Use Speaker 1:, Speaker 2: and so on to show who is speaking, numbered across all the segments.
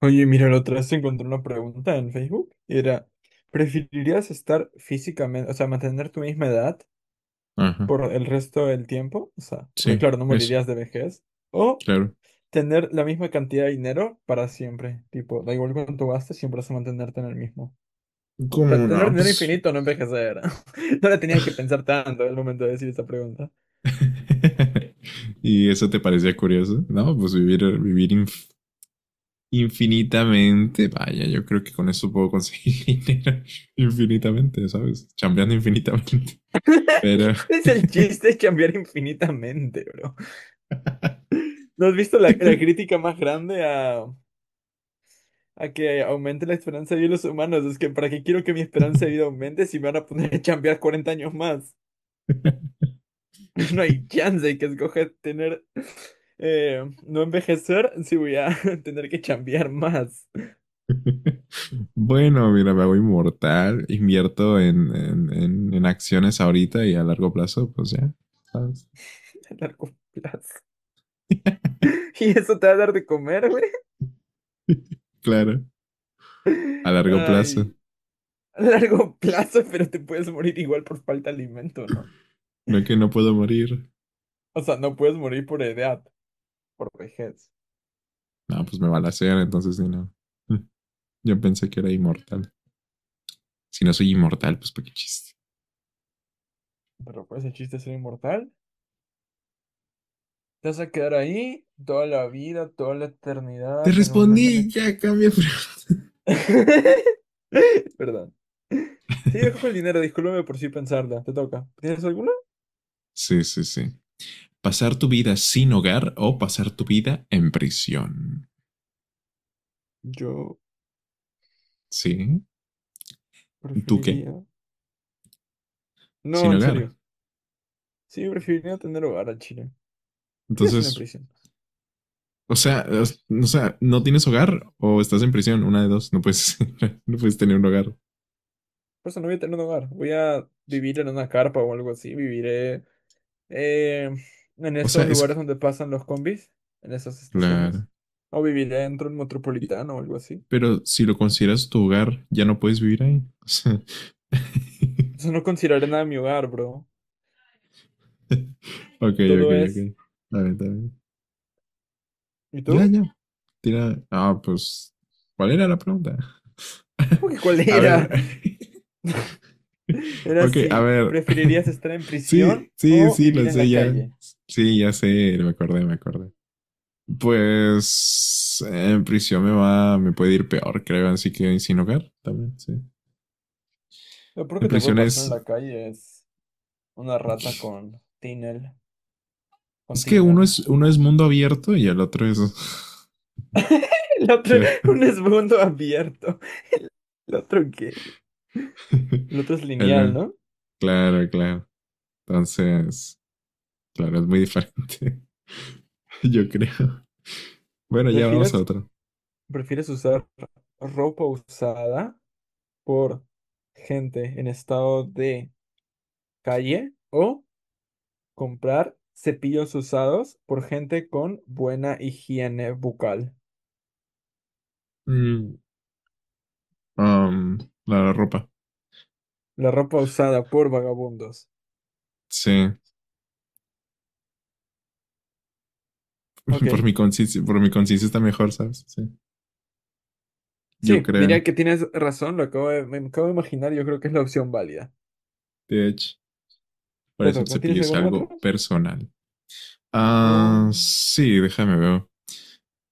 Speaker 1: Oye, mira, la otra vez te encontré una pregunta en Facebook y era, ¿preferirías estar físicamente, o sea, mantener tu misma edad
Speaker 2: Ajá,
Speaker 1: por el resto del tiempo? O sea, porque
Speaker 2: sí,
Speaker 1: claro, no
Speaker 2: eso,
Speaker 1: morirías de vejez. ¿O
Speaker 2: claro.
Speaker 1: tener la misma cantidad de dinero para siempre? Tipo, da igual cuánto gastes, siempre vas a mantenerte en el mismo. O sea,
Speaker 2: Como,
Speaker 1: tener
Speaker 2: no,
Speaker 1: dinero
Speaker 2: pues.
Speaker 1: infinito, no envejecer. No la tenías que pensar tanto al momento de decir esa pregunta.
Speaker 2: ¿Y eso te parecía curioso? No, pues vivir infinitamente. Vaya, yo creo que con eso puedo conseguir dinero infinitamente, ¿sabes? Chambeando infinitamente. Pero.
Speaker 1: Es el chiste, es cambiar infinitamente, bro. ¿No has visto la crítica más grande a que aumente la esperanza de vida de los humanos? Es que, ¿para qué quiero que mi esperanza de vida aumente si me van a poner a chambear 40 años más? No hay chance de que escoja tener, no envejecer si voy a tener que chambear más
Speaker 2: Bueno, mira, me hago inmortal, invierto en acciones ahorita y a largo plazo, pues ya, ¿sabes?
Speaker 1: a largo plazo. ¿Y eso te va a dar de comer, güey?
Speaker 2: Claro, a largo plazo.
Speaker 1: Ay, a largo plazo, pero te puedes morir igual por falta de alimento, ¿no?
Speaker 2: No que no puedo morir.
Speaker 1: O sea, no puedes morir por edad, por vejez.
Speaker 2: No, pues me balacean, entonces sí, no. Mm, Yo pensé que era inmortal. Si no soy inmortal, pues para qué chiste.
Speaker 1: Pero pues el chiste es ser inmortal. Te vas a quedar ahí toda la vida, toda la
Speaker 2: Te
Speaker 1: eternidad, en el momento en el
Speaker 2: respondí,
Speaker 1: que...
Speaker 2: ya cambia.
Speaker 1: Perdón. Sí, dejo el dinero, discúlpame por si pensarla. Te toca. ¿Tienes alguna?
Speaker 2: Sí, sí, sí. Pasar tu vida sin hogar o pasar tu vida en prisión.
Speaker 1: Yo
Speaker 2: Sí. ¿Tú qué?
Speaker 1: preferiría... No,
Speaker 2: Sin
Speaker 1: en serio.
Speaker 2: hogar.
Speaker 1: Sí, preferiría tener hogar al Chile. ¿Qué voy a hacer en
Speaker 2: Entonces,
Speaker 1: prisión?
Speaker 2: o sea, o sea, no tienes hogar o estás en prisión. Una de dos. No puedes, no puedes tener un hogar.
Speaker 1: Por eso no voy a tener un hogar. Voy a vivir en una carpa o algo así. Viviré eh, en
Speaker 2: O sea,
Speaker 1: esos
Speaker 2: es
Speaker 1: lugares
Speaker 2: que,
Speaker 1: donde pasan los combis, en esas estaciones.
Speaker 2: claro.
Speaker 1: O viviré dentro del metropolitano o algo así.
Speaker 2: Pero si lo consideras tu hogar, ya no puedes vivir ahí. O sea.
Speaker 1: Entonces no consideraré nada mi hogar, bro.
Speaker 2: Ok, ok,
Speaker 1: Todo
Speaker 2: ok.
Speaker 1: es.
Speaker 2: Está bien, está bien.
Speaker 1: ¿Y
Speaker 2: Ya,
Speaker 1: tú?
Speaker 2: ya. Tira. Ah, pues. ¿Cuál era la pregunta?
Speaker 1: Creo que ¿cuál
Speaker 2: A
Speaker 1: era?
Speaker 2: ver.
Speaker 1: Era
Speaker 2: Ok, a
Speaker 1: si
Speaker 2: ver.
Speaker 1: preferirías estar en
Speaker 2: Sí,
Speaker 1: prisión
Speaker 2: sí,
Speaker 1: o
Speaker 2: sí,
Speaker 1: vivir
Speaker 2: lo
Speaker 1: en
Speaker 2: sé,
Speaker 1: la
Speaker 2: ya.
Speaker 1: calle.
Speaker 2: Sí, ya sé, me acordé, me acordé. Pues en prisión me puede ir peor, creo, así que sin hogar también, sí.
Speaker 1: Lo peor
Speaker 2: En
Speaker 1: que te puede
Speaker 2: prisión
Speaker 1: pasar en
Speaker 2: es,
Speaker 1: la calle es una rata con tiner. Con
Speaker 2: es que
Speaker 1: tiner.
Speaker 2: uno es mundo abierto y el otro es.
Speaker 1: El otro,
Speaker 2: Claro.
Speaker 1: un esbundo abierto. ¿El otro qué? El otro es lineal,
Speaker 2: El-
Speaker 1: ¿no?
Speaker 2: Claro, claro. Entonces, claro, es muy diferente. Yo creo. Bueno, ya vamos a
Speaker 1: ¿Prefieres,
Speaker 2: otra.
Speaker 1: prefieres usar ropa usada por gente en estado de calle o comprar cepillos usados por gente con buena higiene bucal?
Speaker 2: Mm, um, la ropa.
Speaker 1: La ropa usada por vagabundos.
Speaker 2: Sí. Por
Speaker 1: Ok.
Speaker 2: mi consistencia, por mi consistencia está mejor, ¿sabes? Sí. Yo
Speaker 1: Sí,
Speaker 2: creo.
Speaker 1: diría que tienes razón, lo acabo de, me acabo de imaginar, yo creo que es la opción válida.
Speaker 2: De hecho, por
Speaker 1: Te
Speaker 2: eso el
Speaker 1: toca.
Speaker 2: cepillo
Speaker 1: ¿Tienes
Speaker 2: es
Speaker 1: alguna otra?
Speaker 2: algo personal.
Speaker 1: Oh,
Speaker 2: Ah, sí, déjame ver.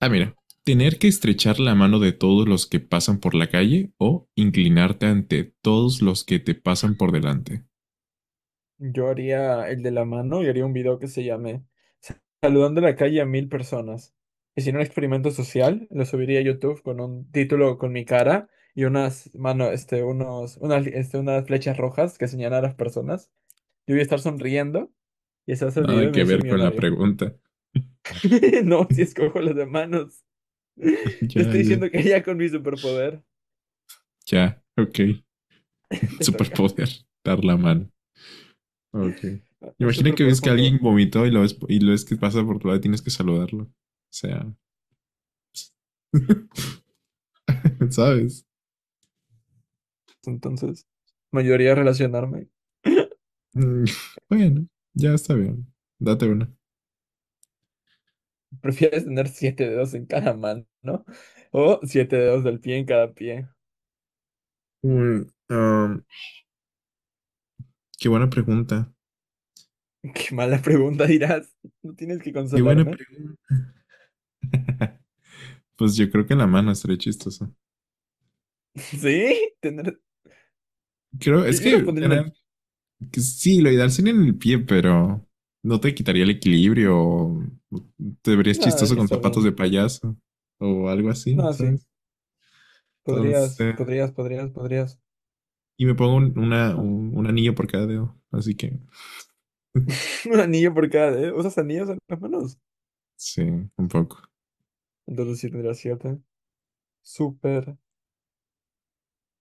Speaker 2: Ah, mira. Tener que estrechar la mano de todos los que pasan por la calle o inclinarte ante todos los que te pasan por delante.
Speaker 1: yo haría el de la mano y haría un video que se llame saludando en la calle a 1000 personas. Hicieron un experimento social, lo subiría a YouTube con un título con mi cara y unas mano, este, unos, unas, este, unas flechas rojas que señalan a las personas. Yo voy a estar sonriendo y se va a hacer el video
Speaker 2: Nada
Speaker 1: y me voy
Speaker 2: que
Speaker 1: a hacer
Speaker 2: ver con la
Speaker 1: millonario.
Speaker 2: pregunta.
Speaker 1: No, si escojo las de manos. Te
Speaker 2: Ya,
Speaker 1: estoy
Speaker 2: ya.
Speaker 1: diciendo que ya con mi superpoder
Speaker 2: Ya, ok.
Speaker 1: te toca.
Speaker 2: Superpoder, dar la mano. Ok.
Speaker 1: Es
Speaker 2: Imagina que
Speaker 1: superpoder
Speaker 2: ves que
Speaker 1: cuando
Speaker 2: alguien vomitó y lo ves, que pasa por tu lado y tienes que saludarlo. O sea. ¿Sabes?
Speaker 1: entonces mayoría relacionarme.
Speaker 2: Mm, Bueno, ya está bien. Date una.
Speaker 1: ¿Prefieres tener siete dedos en cada mano, ¿no? O siete dedos del pie en cada pie?
Speaker 2: Mm, um, qué buena pregunta.
Speaker 1: Qué mala pregunta dirás. ¿No tienes que
Speaker 2: Qué buena
Speaker 1: consolarme?
Speaker 2: pregunta. Pues yo creo que la mano estaría chistosa.
Speaker 1: Sí, tener.
Speaker 2: Creo,
Speaker 1: Yo,
Speaker 2: es
Speaker 1: yo
Speaker 2: que
Speaker 1: respondí en el.
Speaker 2: tener, que sí, lo ideal sería en el pie, pero no te quitaría el equilibrio. O Te verías
Speaker 1: No,
Speaker 2: chistoso
Speaker 1: debería
Speaker 2: con
Speaker 1: estar
Speaker 2: zapatos de
Speaker 1: bien.
Speaker 2: payaso o algo así,
Speaker 1: No, sí.
Speaker 2: ¿sabes? Entonces,
Speaker 1: Podrías, podrías, podrías, podrías.
Speaker 2: y me pongo un anillo por cada dedo, así que
Speaker 1: Un anillo por cada dedo. ¿Usas anillos en las manos?
Speaker 2: sí, un poco.
Speaker 1: Entonces sí tendrías siete. Súper.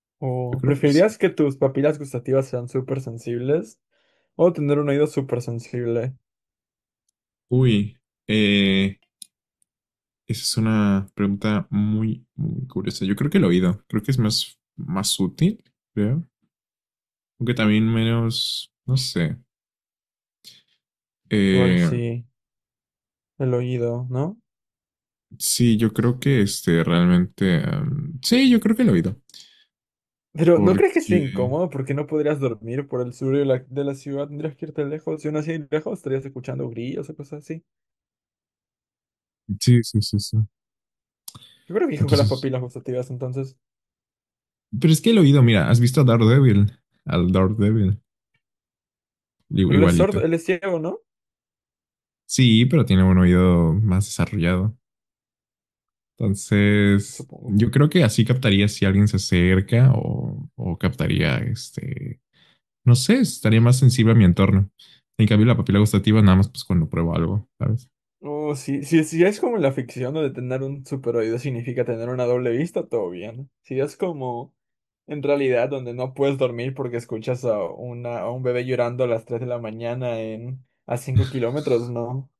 Speaker 2: Yo creo que
Speaker 1: ¿O
Speaker 2: sí.
Speaker 1: preferirías que tus papilas gustativas sean súper sensibles? ¿O tener un oído súper sensible?
Speaker 2: Uy, eh, esa es una pregunta muy, muy curiosa. Yo creo que el oído, creo que es más, más útil, creo. Aunque también menos, no sé.
Speaker 1: Igual
Speaker 2: Eh,
Speaker 1: sí, el oído, ¿no?
Speaker 2: Sí, yo creo que este realmente, sí, yo creo que el oído.
Speaker 1: Pero ¿no crees que sea
Speaker 2: Porque.
Speaker 1: incómodo? Porque no podrías dormir por el sur de la ciudad. Tendrías que irte lejos. Y aún así lejos estarías escuchando grillos o cosas así.
Speaker 2: Sí, sí, sí, sí.
Speaker 1: Yo creo que con las
Speaker 2: Entonces.
Speaker 1: papilas gustativas entonces.
Speaker 2: Pero es que el oído, mira, ¿has visto a Daredevil? Al Daredevil.
Speaker 1: Pero él es
Speaker 2: Igualito.
Speaker 1: sordo, él es ciego, ¿no?
Speaker 2: Sí, pero tiene un oído más desarrollado. Entonces.
Speaker 1: Supongo.
Speaker 2: Yo creo que así captaría si alguien se acerca o captaría este. No sé, estaría más sensible a mi entorno. En cambio, la papila gustativa, nada más pues cuando pruebo algo, ¿sabes?
Speaker 1: Oh, sí, si es como en la ficción donde tener un super oído significa tener una doble vista, todo bien. Si es como en realidad donde no puedes dormir porque escuchas a, una, a un bebé llorando a las 3 de la mañana en, a 5 kilómetros, no.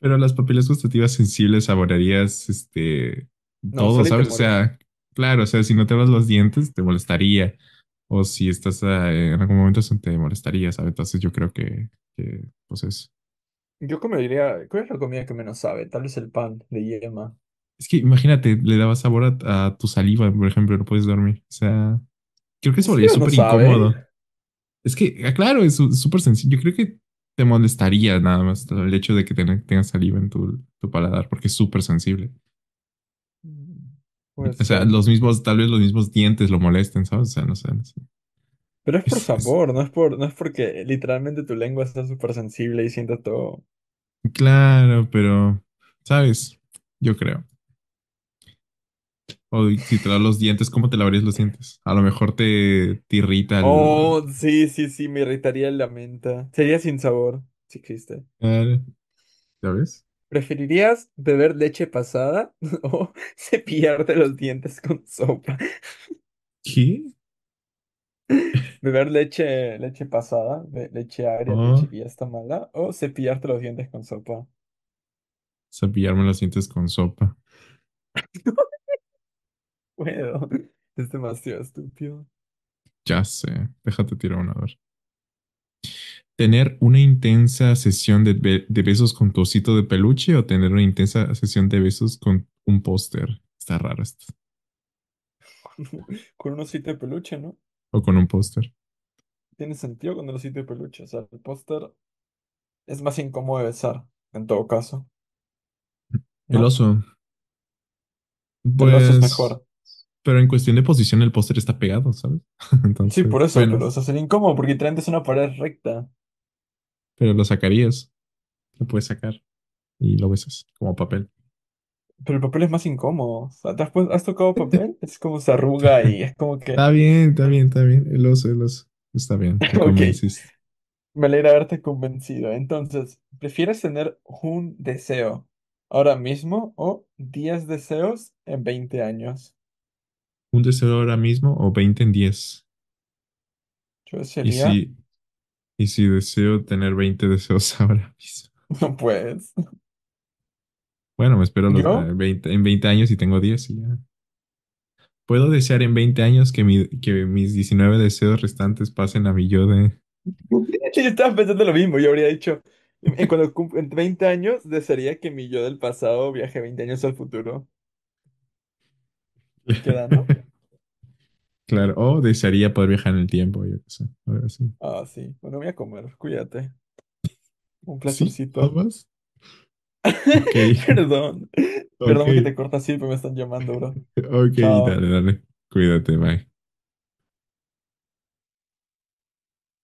Speaker 2: Pero las papilas gustativas sensibles saborearías este
Speaker 1: No,
Speaker 2: todo,
Speaker 1: solo y te
Speaker 2: ¿sabes? O
Speaker 1: mueres.
Speaker 2: sea, claro, o sea, si no te lavas los dientes te molestaría. O si estás en algún momento se te molestaría, ¿sabes? Entonces yo creo que pues eso.
Speaker 1: Yo comería, ¿cuál es la comida que menos sabe? Tal vez el pan de yema.
Speaker 2: Es que imagínate, le daba sabor a tu saliva, por ejemplo, no puedes dormir. O sea, creo que
Speaker 1: ¿En
Speaker 2: se volvería
Speaker 1: serio no
Speaker 2: súper
Speaker 1: sabe?
Speaker 2: incómodo. Es que, claro, es súper sencillo. Yo creo que te molestaría nada más el hecho de que tengas saliva en tu paladar, porque es súper sensible.
Speaker 1: Mm. Puede
Speaker 2: O sea,
Speaker 1: ser.
Speaker 2: tal vez los mismos dientes lo molesten, ¿sabes? O sea, no sé. No sé.
Speaker 1: Pero es por
Speaker 2: Es, es-
Speaker 1: sabor, no es por, no es porque literalmente tu lengua está súper sensible y sienta todo.
Speaker 2: claro, pero, ¿sabes? Yo creo. O si te lavas los dientes, ¿cómo te lavarías los dientes? A lo mejor te irrita el.
Speaker 1: Oh, sí, sí, sí, me irritaría la menta. Sería sin sabor, si existe.
Speaker 2: Claro. ¿Ya ves?
Speaker 1: ¿Preferirías beber leche pasada o cepillarte los dientes con sopa?
Speaker 2: ¿Qué?
Speaker 1: ¿Beber leche, leche pasada, leche agria,
Speaker 2: O
Speaker 1: leche que ya está mala o cepillarte los dientes con sopa?
Speaker 2: cepillarme los dientes con sopa.
Speaker 1: Bueno, es demasiado estúpido.
Speaker 2: Ya sé. Déjate tirar una vez. ¿Tener una intensa sesión de besos con tu osito de peluche o tener una intensa sesión de besos con un póster? Está raro esto.
Speaker 1: Con un osito de peluche, ¿no?
Speaker 2: O con un póster.
Speaker 1: Tiene sentido con el osito de peluche. O sea, el póster es más incómodo de besar, en todo caso,
Speaker 2: El
Speaker 1: ¿no?
Speaker 2: oso.
Speaker 1: El oso es
Speaker 2: Pues,
Speaker 1: mejor.
Speaker 2: pero en cuestión de posición, el póster está pegado, ¿sabes?
Speaker 1: Sí, por
Speaker 2: Entonces,
Speaker 1: eso,
Speaker 2: bueno,
Speaker 1: pero o sea, sería incómodo porque literalmente es una pared recta.
Speaker 2: pero lo puedes sacar y lo besas como papel.
Speaker 1: Pero el papel es más incómodo. O sea, ¿te has, has tocado papel? Es como se arruga y es como que...
Speaker 2: Está bien, está bien, está bien. El oso, el oso. Está bien, me
Speaker 1: Ok,
Speaker 2: convenciste.
Speaker 1: me alegra haberte convencido. Entonces, ¿prefieres tener un deseo ahora mismo o 10 deseos en 20 años?
Speaker 2: ¿Un deseo ahora mismo o 20 en 10?
Speaker 1: Yo
Speaker 2: Y
Speaker 1: sería...
Speaker 2: si, y si deseo tener 20 deseos ahora mismo.
Speaker 1: No puedes.
Speaker 2: Bueno, me espero los,
Speaker 1: ¿Yo?
Speaker 2: 20, en 20 años y tengo 10 y ya. ¿Puedo desear en 20 años que mis 19 deseos restantes pasen a mi yo de.
Speaker 1: Yo estaba pensando lo mismo. Yo habría dicho... En en 20 años, desearía que mi yo del pasado viaje 20 años al futuro. ¿Queda, no?
Speaker 2: Claro, o desearía poder viajar en el tiempo, yo qué sé, algo así.
Speaker 1: Ah, sí. Bueno, voy a comer. Cuídate. Un
Speaker 2: ¿Sí? ¿Nada
Speaker 1: placercito.
Speaker 2: más? Ok,
Speaker 1: Perdón. Perdón
Speaker 2: ok,
Speaker 1: porque te corto así, pero me están llamando, bro.
Speaker 2: ok, dale,
Speaker 1: Chao.
Speaker 2: dale. Cuídate, Mike.